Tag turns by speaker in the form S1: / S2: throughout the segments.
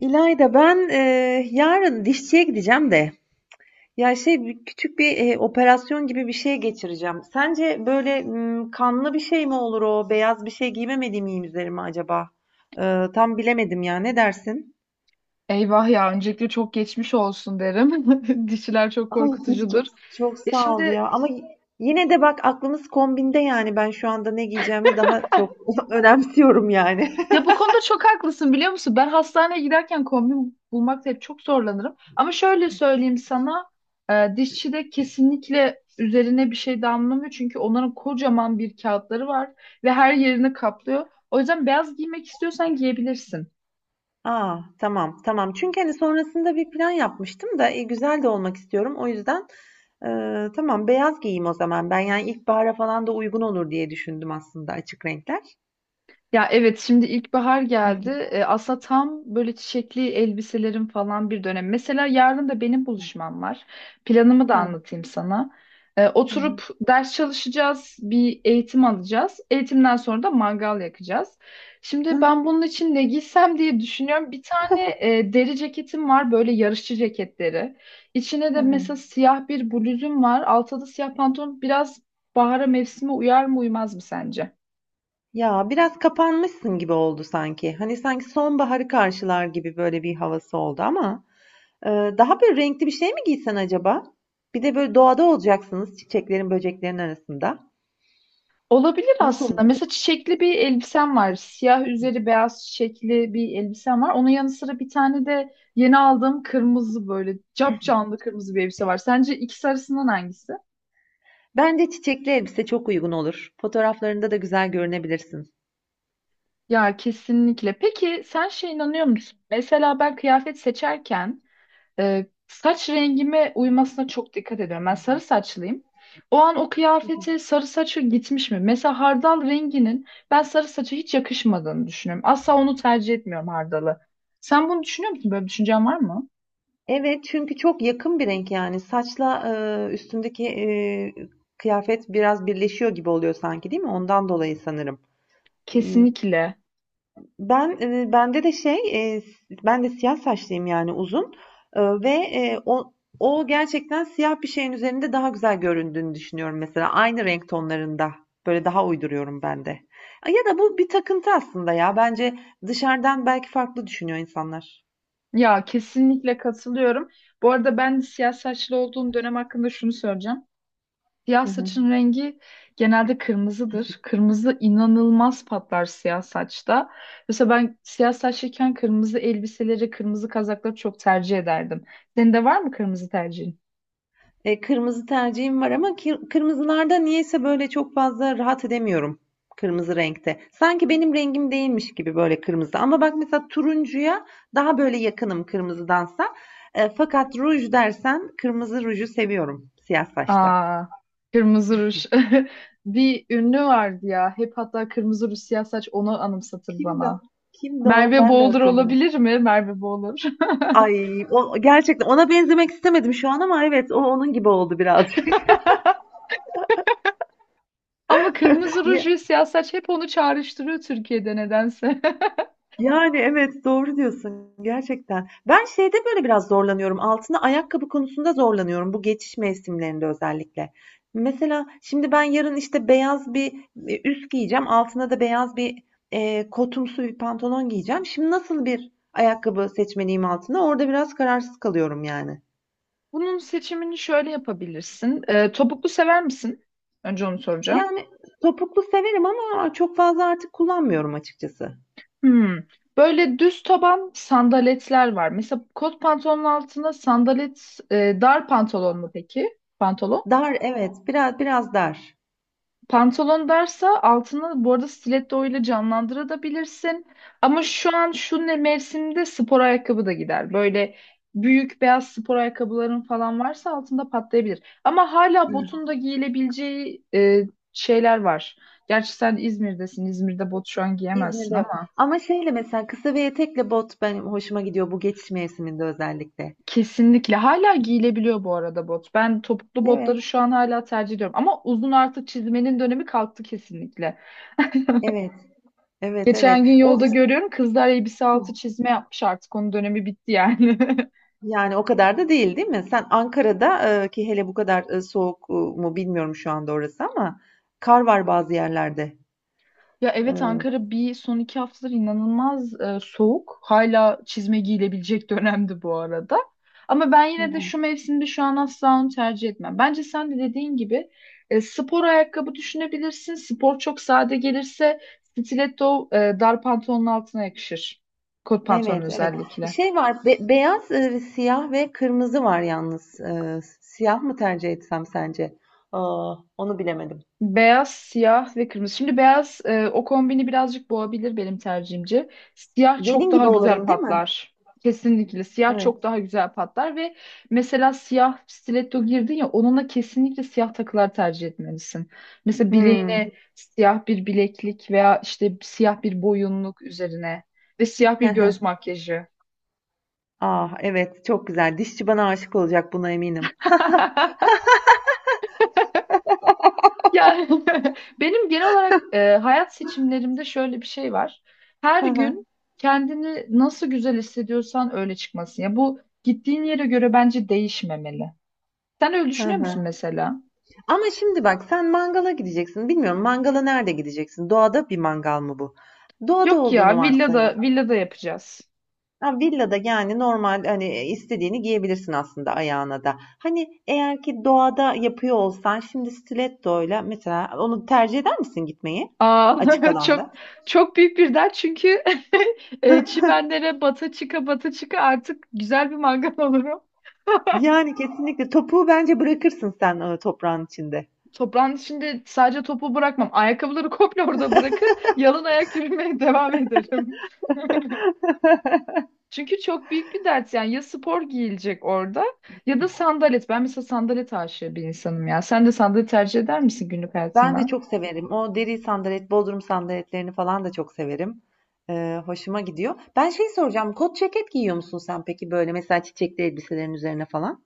S1: İlayda, yarın dişçiye gideceğim de ya şey bir- küçük bir operasyon gibi bir şey geçireceğim. Sence kanlı bir şey mi olur o? Beyaz bir şey giymemediğim iyi mi üzerime acaba? Tam bilemedim ya. Ne dersin?
S2: Eyvah ya öncelikle çok geçmiş olsun derim. Dişiler çok
S1: Ay,
S2: korkutucudur.
S1: çok çok
S2: Ya
S1: sağ ol
S2: şimdi
S1: ya. Ama yine de bak aklımız kombinde yani ben şu anda ne giyeceğimi daha çok önemsiyorum yani.
S2: ya bu konuda çok haklısın biliyor musun? Ben hastaneye giderken kombin bulmakta hep çok zorlanırım. Ama şöyle söyleyeyim sana dişçi de kesinlikle üzerine bir şey damlamıyor. Çünkü onların kocaman bir kağıtları var ve her yerini kaplıyor. O yüzden beyaz giymek istiyorsan giyebilirsin.
S1: Aa, tamam, tamam. Çünkü hani sonrasında bir plan yapmıştım da, güzel de olmak istiyorum. O yüzden, tamam beyaz giyeyim o zaman ben. Yani ilkbahara falan da uygun olur diye düşündüm aslında açık renkler.
S2: Ya evet şimdi ilkbahar geldi. Aslında tam böyle çiçekli elbiselerin falan bir dönem. Mesela yarın da benim buluşmam var. Planımı da
S1: Hıh.
S2: anlatayım sana.
S1: Hı hı.
S2: Oturup ders çalışacağız, bir eğitim alacağız. Eğitimden sonra da mangal yakacağız. Şimdi ben bunun için ne giysem diye düşünüyorum. Bir tane deri ceketim var böyle yarışçı ceketleri. İçine de
S1: Hı hı.
S2: mesela siyah bir bluzum var. Altta da siyah pantolon. Biraz bahara mevsime uyar mı uymaz mı sence?
S1: Ya, biraz kapanmışsın gibi oldu sanki. Hani sanki sonbaharı karşılar gibi böyle bir havası oldu ama daha böyle renkli bir şey mi giysen acaba? Bir de böyle doğada olacaksınız, çiçeklerin, böceklerin arasında.
S2: Olabilir
S1: Nasıl
S2: aslında.
S1: olur?
S2: Mesela çiçekli bir elbisem var. Siyah üzeri beyaz çiçekli bir elbisem var. Onun yanı sıra bir tane de yeni aldığım kırmızı böyle capcanlı kırmızı bir elbise var. Sence ikisi arasından hangisi?
S1: Bence çiçekli elbise çok uygun olur. Fotoğraflarında da güzel görünebilirsin.
S2: Ya kesinlikle. Peki sen şey inanıyor musun? Mesela ben kıyafet seçerken saç rengime uymasına çok dikkat ediyorum. Ben sarı saçlıyım. O an o kıyafete sarı saçı gitmiş mi? Mesela hardal renginin ben sarı saça hiç yakışmadığını düşünüyorum. Asla onu tercih etmiyorum hardalı. Sen bunu düşünüyor musun? Böyle bir düşüncen var mı?
S1: Evet, çünkü çok yakın bir renk yani. Saçla üstündeki kıyafet biraz birleşiyor gibi oluyor sanki, değil mi? Ondan dolayı sanırım. Hmm.
S2: Kesinlikle.
S1: Ben, eee, bende de şey, eee, Ben de siyah saçlıyım, yani uzun, ve o gerçekten siyah bir şeyin üzerinde daha güzel göründüğünü düşünüyorum mesela. Aynı renk tonlarında. Böyle daha uyduruyorum ben de. Ya da bu bir takıntı aslında ya. Bence dışarıdan belki farklı düşünüyor insanlar.
S2: Ya kesinlikle katılıyorum. Bu arada ben siyah saçlı olduğum dönem hakkında şunu söyleyeceğim. Siyah
S1: Hı hı.
S2: saçın rengi genelde kırmızıdır. Kırmızı inanılmaz patlar siyah saçta. Mesela ben siyah saçlıyken kırmızı elbiseleri, kırmızı kazakları çok tercih ederdim. Senin de var mı kırmızı tercihin?
S1: Kırmızı tercihim var ama kırmızılarda niyeyse böyle çok fazla rahat edemiyorum kırmızı renkte. Sanki benim rengim değilmiş gibi böyle kırmızı. Ama bak mesela turuncuya daha böyle yakınım kırmızıdansa. Fakat ruj dersen kırmızı ruju seviyorum siyah saçta.
S2: Aa, kırmızı ruj. Bir ünlü vardı ya. Hep hatta kırmızı ruj siyah saç onu anımsatır
S1: Kimdi o?
S2: bana.
S1: Kimdi o?
S2: Merve
S1: Ben de
S2: Boğulur
S1: hatırlıyorum.
S2: olabilir mi? Merve Boğulur.
S1: Ay, o gerçekten ona benzemek istemedim şu an ama evet, o onun gibi oldu birazcık.
S2: Ama kırmızı ruj ve siyah saç hep onu çağrıştırıyor Türkiye'de nedense.
S1: Yani evet, doğru diyorsun gerçekten. Ben şeyde böyle biraz zorlanıyorum, altına ayakkabı konusunda zorlanıyorum bu geçiş mevsimlerinde özellikle. Mesela şimdi ben yarın işte beyaz bir, üst giyeceğim, altına da beyaz bir, kotumsu bir pantolon giyeceğim. Şimdi nasıl bir ayakkabı seçmeliyim altına? Orada biraz kararsız kalıyorum yani.
S2: Bunun seçimini şöyle yapabilirsin. Topuklu sever misin? Önce onu soracağım.
S1: Yani topuklu severim ama çok fazla artık kullanmıyorum açıkçası.
S2: Hmm. Böyle düz taban sandaletler var. Mesela kot pantolonun altına sandalet, dar pantolon mu peki? Pantolon.
S1: Dar, evet, biraz dar.
S2: Pantolon derse altını bu arada stiletto ile canlandırabilirsin. Ama şu an şu ne mevsimde spor ayakkabı da gider. Böyle büyük beyaz spor ayakkabıların falan varsa altında patlayabilir. Ama hala botun da giyilebileceği şeyler var. Gerçi sen İzmir'desin. İzmir'de bot şu an giyemezsin
S1: İzmir'de yok.
S2: ama
S1: Ama şeyle mesela kısa ve etekle bot benim hoşuma gidiyor bu geçiş mevsiminde özellikle.
S2: kesinlikle hala giyilebiliyor bu arada bot. Ben topuklu
S1: Evet,
S2: botları şu an hala tercih ediyorum. Ama uzun artık çizmenin dönemi kalktı kesinlikle.
S1: evet, evet, evet.
S2: Geçen gün
S1: O
S2: yolda görüyorum kızlar elbise altı çizme yapmış artık onun dönemi bitti yani.
S1: yani o kadar da değil, değil mi? Sen Ankara'da ki hele bu kadar soğuk mu bilmiyorum şu anda orası ama kar var bazı yerlerde.
S2: Ya evet
S1: E,
S2: Ankara bir son iki haftadır inanılmaz soğuk. Hala çizme giyilebilecek dönemdi bu arada. Ama ben yine de şu mevsimde şu an asla onu tercih etmem. Bence sen de dediğin gibi spor ayakkabı düşünebilirsin. Spor çok sade gelirse stiletto dar pantolonun altına yakışır. Kot pantolon
S1: Evet, evet.
S2: özellikle.
S1: Şey var, beyaz, siyah ve kırmızı var yalnız. E, siyah mı tercih etsem sence? Aa, onu bilemedim.
S2: Beyaz, siyah ve kırmızı. Şimdi beyaz o kombini birazcık boğabilir benim tercihimce. Siyah çok
S1: Gelin
S2: daha
S1: gibi
S2: güzel
S1: olurum, değil mi?
S2: patlar. Kesinlikle siyah çok
S1: Evet.
S2: daha güzel patlar ve mesela siyah stiletto girdin ya onunla kesinlikle siyah takılar tercih etmelisin. Mesela
S1: Hmm.
S2: bileğine siyah bir bileklik veya işte siyah bir boyunluk üzerine ve siyah bir göz makyajı.
S1: Ah, evet, çok güzel. Dişçi bana aşık olacak, buna eminim.
S2: Yani benim genel olarak hayat seçimlerimde şöyle bir şey var. Her
S1: Hı hı,
S2: gün kendini nasıl güzel hissediyorsan öyle çıkmasın. Ya bu gittiğin yere göre bence değişmemeli. Sen öyle
S1: hı
S2: düşünüyor
S1: hı.
S2: musun mesela?
S1: Ama şimdi bak, sen mangala gideceksin. Bilmiyorum, mangala nerede gideceksin? Doğada bir mangal mı bu? Doğada
S2: Yok
S1: olduğunu
S2: ya villada
S1: varsayalım.
S2: villada yapacağız.
S1: Ha, villada yani normal, hani istediğini giyebilirsin aslında ayağına da. Hani eğer ki doğada yapıyor olsan şimdi stilettoyla mesela onu tercih eder misin gitmeyi? Açık
S2: Aa, çok
S1: alanda.
S2: çok büyük bir dert çünkü çimenlere bata çıka artık güzel bir mangal olurum.
S1: Yani kesinlikle topuğu bence bırakırsın sen toprağın içinde.
S2: Toprağın içinde sadece topu bırakmam. Ayakkabıları komple orada bırakır. Yalın ayak yürümeye devam ederim. Çünkü çok büyük bir dert yani ya spor giyilecek orada ya da sandalet. Ben mesela sandalet aşığı bir insanım ya. Sen de sandalet tercih eder misin günlük
S1: Ben de
S2: hayatında?
S1: çok severim. O deri sandalet, bodrum sandaletlerini falan da çok severim. Hoşuma gidiyor. Ben şey soracağım. Kot ceket giyiyor musun sen peki böyle mesela çiçekli elbiselerin üzerine falan?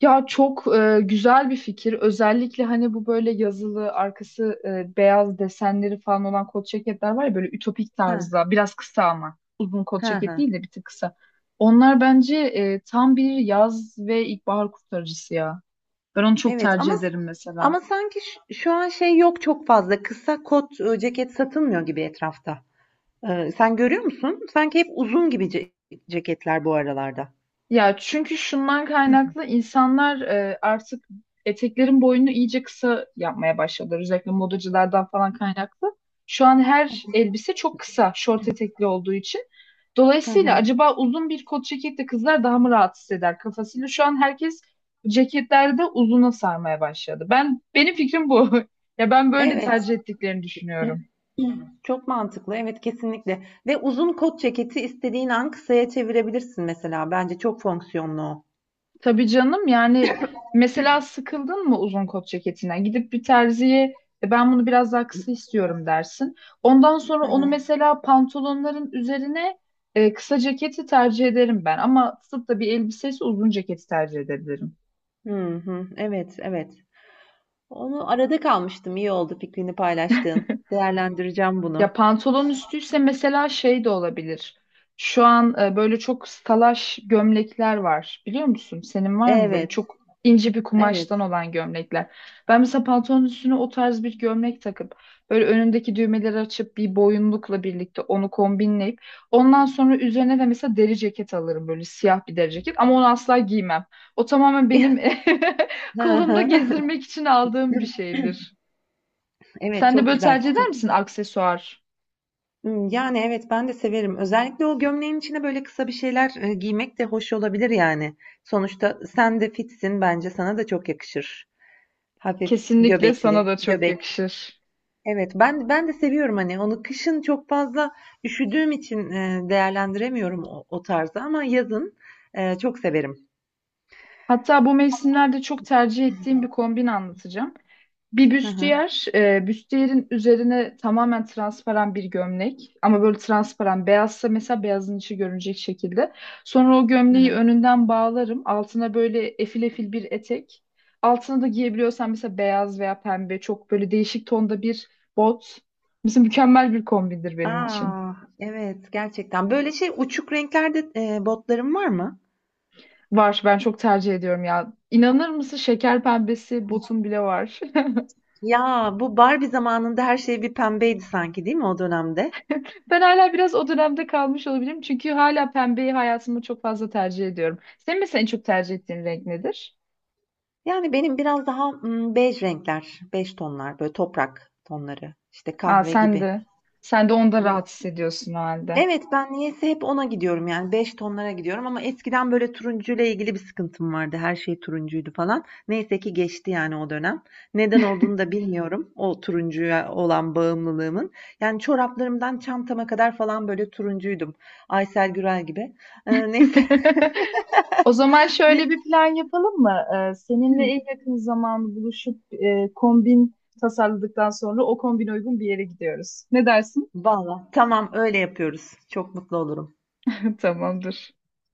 S2: Ya çok güzel bir fikir. Özellikle hani bu böyle yazılı arkası beyaz desenleri falan olan kot ceketler var ya böyle ütopik
S1: Ha,
S2: tarzda biraz kısa ama uzun kot
S1: ha,
S2: ceket
S1: ha.
S2: değil de bir tık kısa. Onlar bence tam bir yaz ve ilkbahar kurtarıcısı ya. Ben onu çok
S1: Evet
S2: tercih
S1: ama
S2: ederim mesela.
S1: sanki şu an şey yok çok fazla. Kısa kot ceket satılmıyor gibi etrafta. Sen görüyor musun? Sanki hep uzun gibi ceketler bu aralarda.
S2: Ya çünkü şundan kaynaklı insanlar artık eteklerin boyunu iyice kısa yapmaya başladılar. Özellikle modacılardan falan kaynaklı. Şu an her elbise çok kısa, şort etekli olduğu için.
S1: Hı
S2: Dolayısıyla
S1: hı.
S2: acaba uzun bir kot ceketle kızlar daha mı rahat hisseder kafasıyla? Şu an herkes ceketlerde uzuna sarmaya başladı. Benim fikrim bu. Ya ben böyle
S1: Evet.
S2: tercih ettiklerini düşünüyorum.
S1: Çok mantıklı. Evet, kesinlikle. Ve uzun kot ceketi istediğin an kısaya çevirebilirsin mesela. Bence çok fonksiyonlu o.
S2: Tabii canım yani mesela sıkıldın mı uzun kot ceketinden? Gidip bir terziye Ben bunu biraz daha kısa istiyorum dersin. Ondan sonra
S1: Hı
S2: onu
S1: hı.
S2: mesela pantolonların üzerine kısa ceketi tercih ederim ben. Ama tutup da bir elbisesi uzun ceketi tercih edebilirim.
S1: Hı hı. Evet, evet. Onu arada kalmıştım. İyi oldu fikrini paylaştığın. Değerlendireceğim
S2: Ya
S1: bunu.
S2: pantolon üstüyse mesela şey de olabilir. Şu an böyle çok salaş gömlekler var. Biliyor musun? Senin var mı böyle
S1: Evet,
S2: çok ince bir kumaştan
S1: evet.
S2: olan gömlekler? Ben mesela pantolon üstüne o tarz bir gömlek takıp böyle önündeki düğmeleri açıp bir boyunlukla birlikte onu kombinleyip ondan sonra üzerine de mesela deri ceket alırım böyle siyah bir deri ceket ama onu asla giymem. O tamamen benim
S1: Hı
S2: kolumda
S1: hı.
S2: gezdirmek için aldığım bir şeydir.
S1: Evet,
S2: Sen de
S1: çok
S2: böyle
S1: güzel.
S2: tercih eder
S1: Çok...
S2: misin aksesuar?
S1: Hmm, yani evet, ben de severim. Özellikle o gömleğin içine böyle kısa bir şeyler giymek de hoş olabilir yani. Sonuçta sen de fitsin, bence sana da çok yakışır. Hafif
S2: Kesinlikle
S1: göbekli,
S2: sana da çok
S1: göbek.
S2: yakışır.
S1: Evet, ben de seviyorum hani onu, kışın çok fazla üşüdüğüm için değerlendiremiyorum o tarzı ama yazın çok severim.
S2: Hatta bu mevsimlerde çok tercih ettiğim bir kombin anlatacağım. Bir
S1: Hı hı,
S2: büstiyer, büstiyerin üzerine tamamen transparan bir gömlek ama böyle transparan beyazsa mesela beyazın içi görünecek şekilde. Sonra o
S1: hı
S2: gömleği
S1: hı.
S2: önünden bağlarım. Altına böyle efil efil bir etek. Altına da giyebiliyorsan mesela beyaz veya pembe çok böyle değişik tonda bir bot. Mesela mükemmel bir kombindir benim için.
S1: Aa, evet, gerçekten. Böyle şey uçuk renklerde botlarım var mı?
S2: Var ben çok tercih ediyorum ya. İnanır mısın şeker pembesi botum bile var.
S1: Ya bu Barbie zamanında her şey bir pembeydi sanki, değil mi o dönemde?
S2: Ben hala biraz o dönemde kalmış olabilirim. Çünkü hala pembeyi hayatımda çok fazla tercih ediyorum. Senin mesela en çok tercih ettiğin renk nedir?
S1: Yani benim biraz daha bej renkler, bej tonlar, böyle toprak tonları, işte
S2: Aa
S1: kahve
S2: sen
S1: gibi.
S2: de. Sen de onda rahat hissediyorsun o halde.
S1: Evet, ben niyeyse hep ona gidiyorum, yani 5 tonlara gidiyorum ama eskiden böyle turuncuyla ilgili bir sıkıntım vardı. Her şey turuncuydu falan. Neyse ki geçti yani o dönem. Neden olduğunu da bilmiyorum o turuncuya olan bağımlılığımın. Yani çoraplarımdan çantama kadar falan böyle turuncuydum. Aysel Gürel gibi. Neyse.
S2: O zaman şöyle
S1: Neyse.
S2: bir plan yapalım mı? Seninle en yakın zaman buluşup kombin tasarladıktan sonra o kombine uygun bir yere gidiyoruz. Ne dersin?
S1: Valla tamam, öyle yapıyoruz. Çok mutlu olurum.
S2: Tamamdır.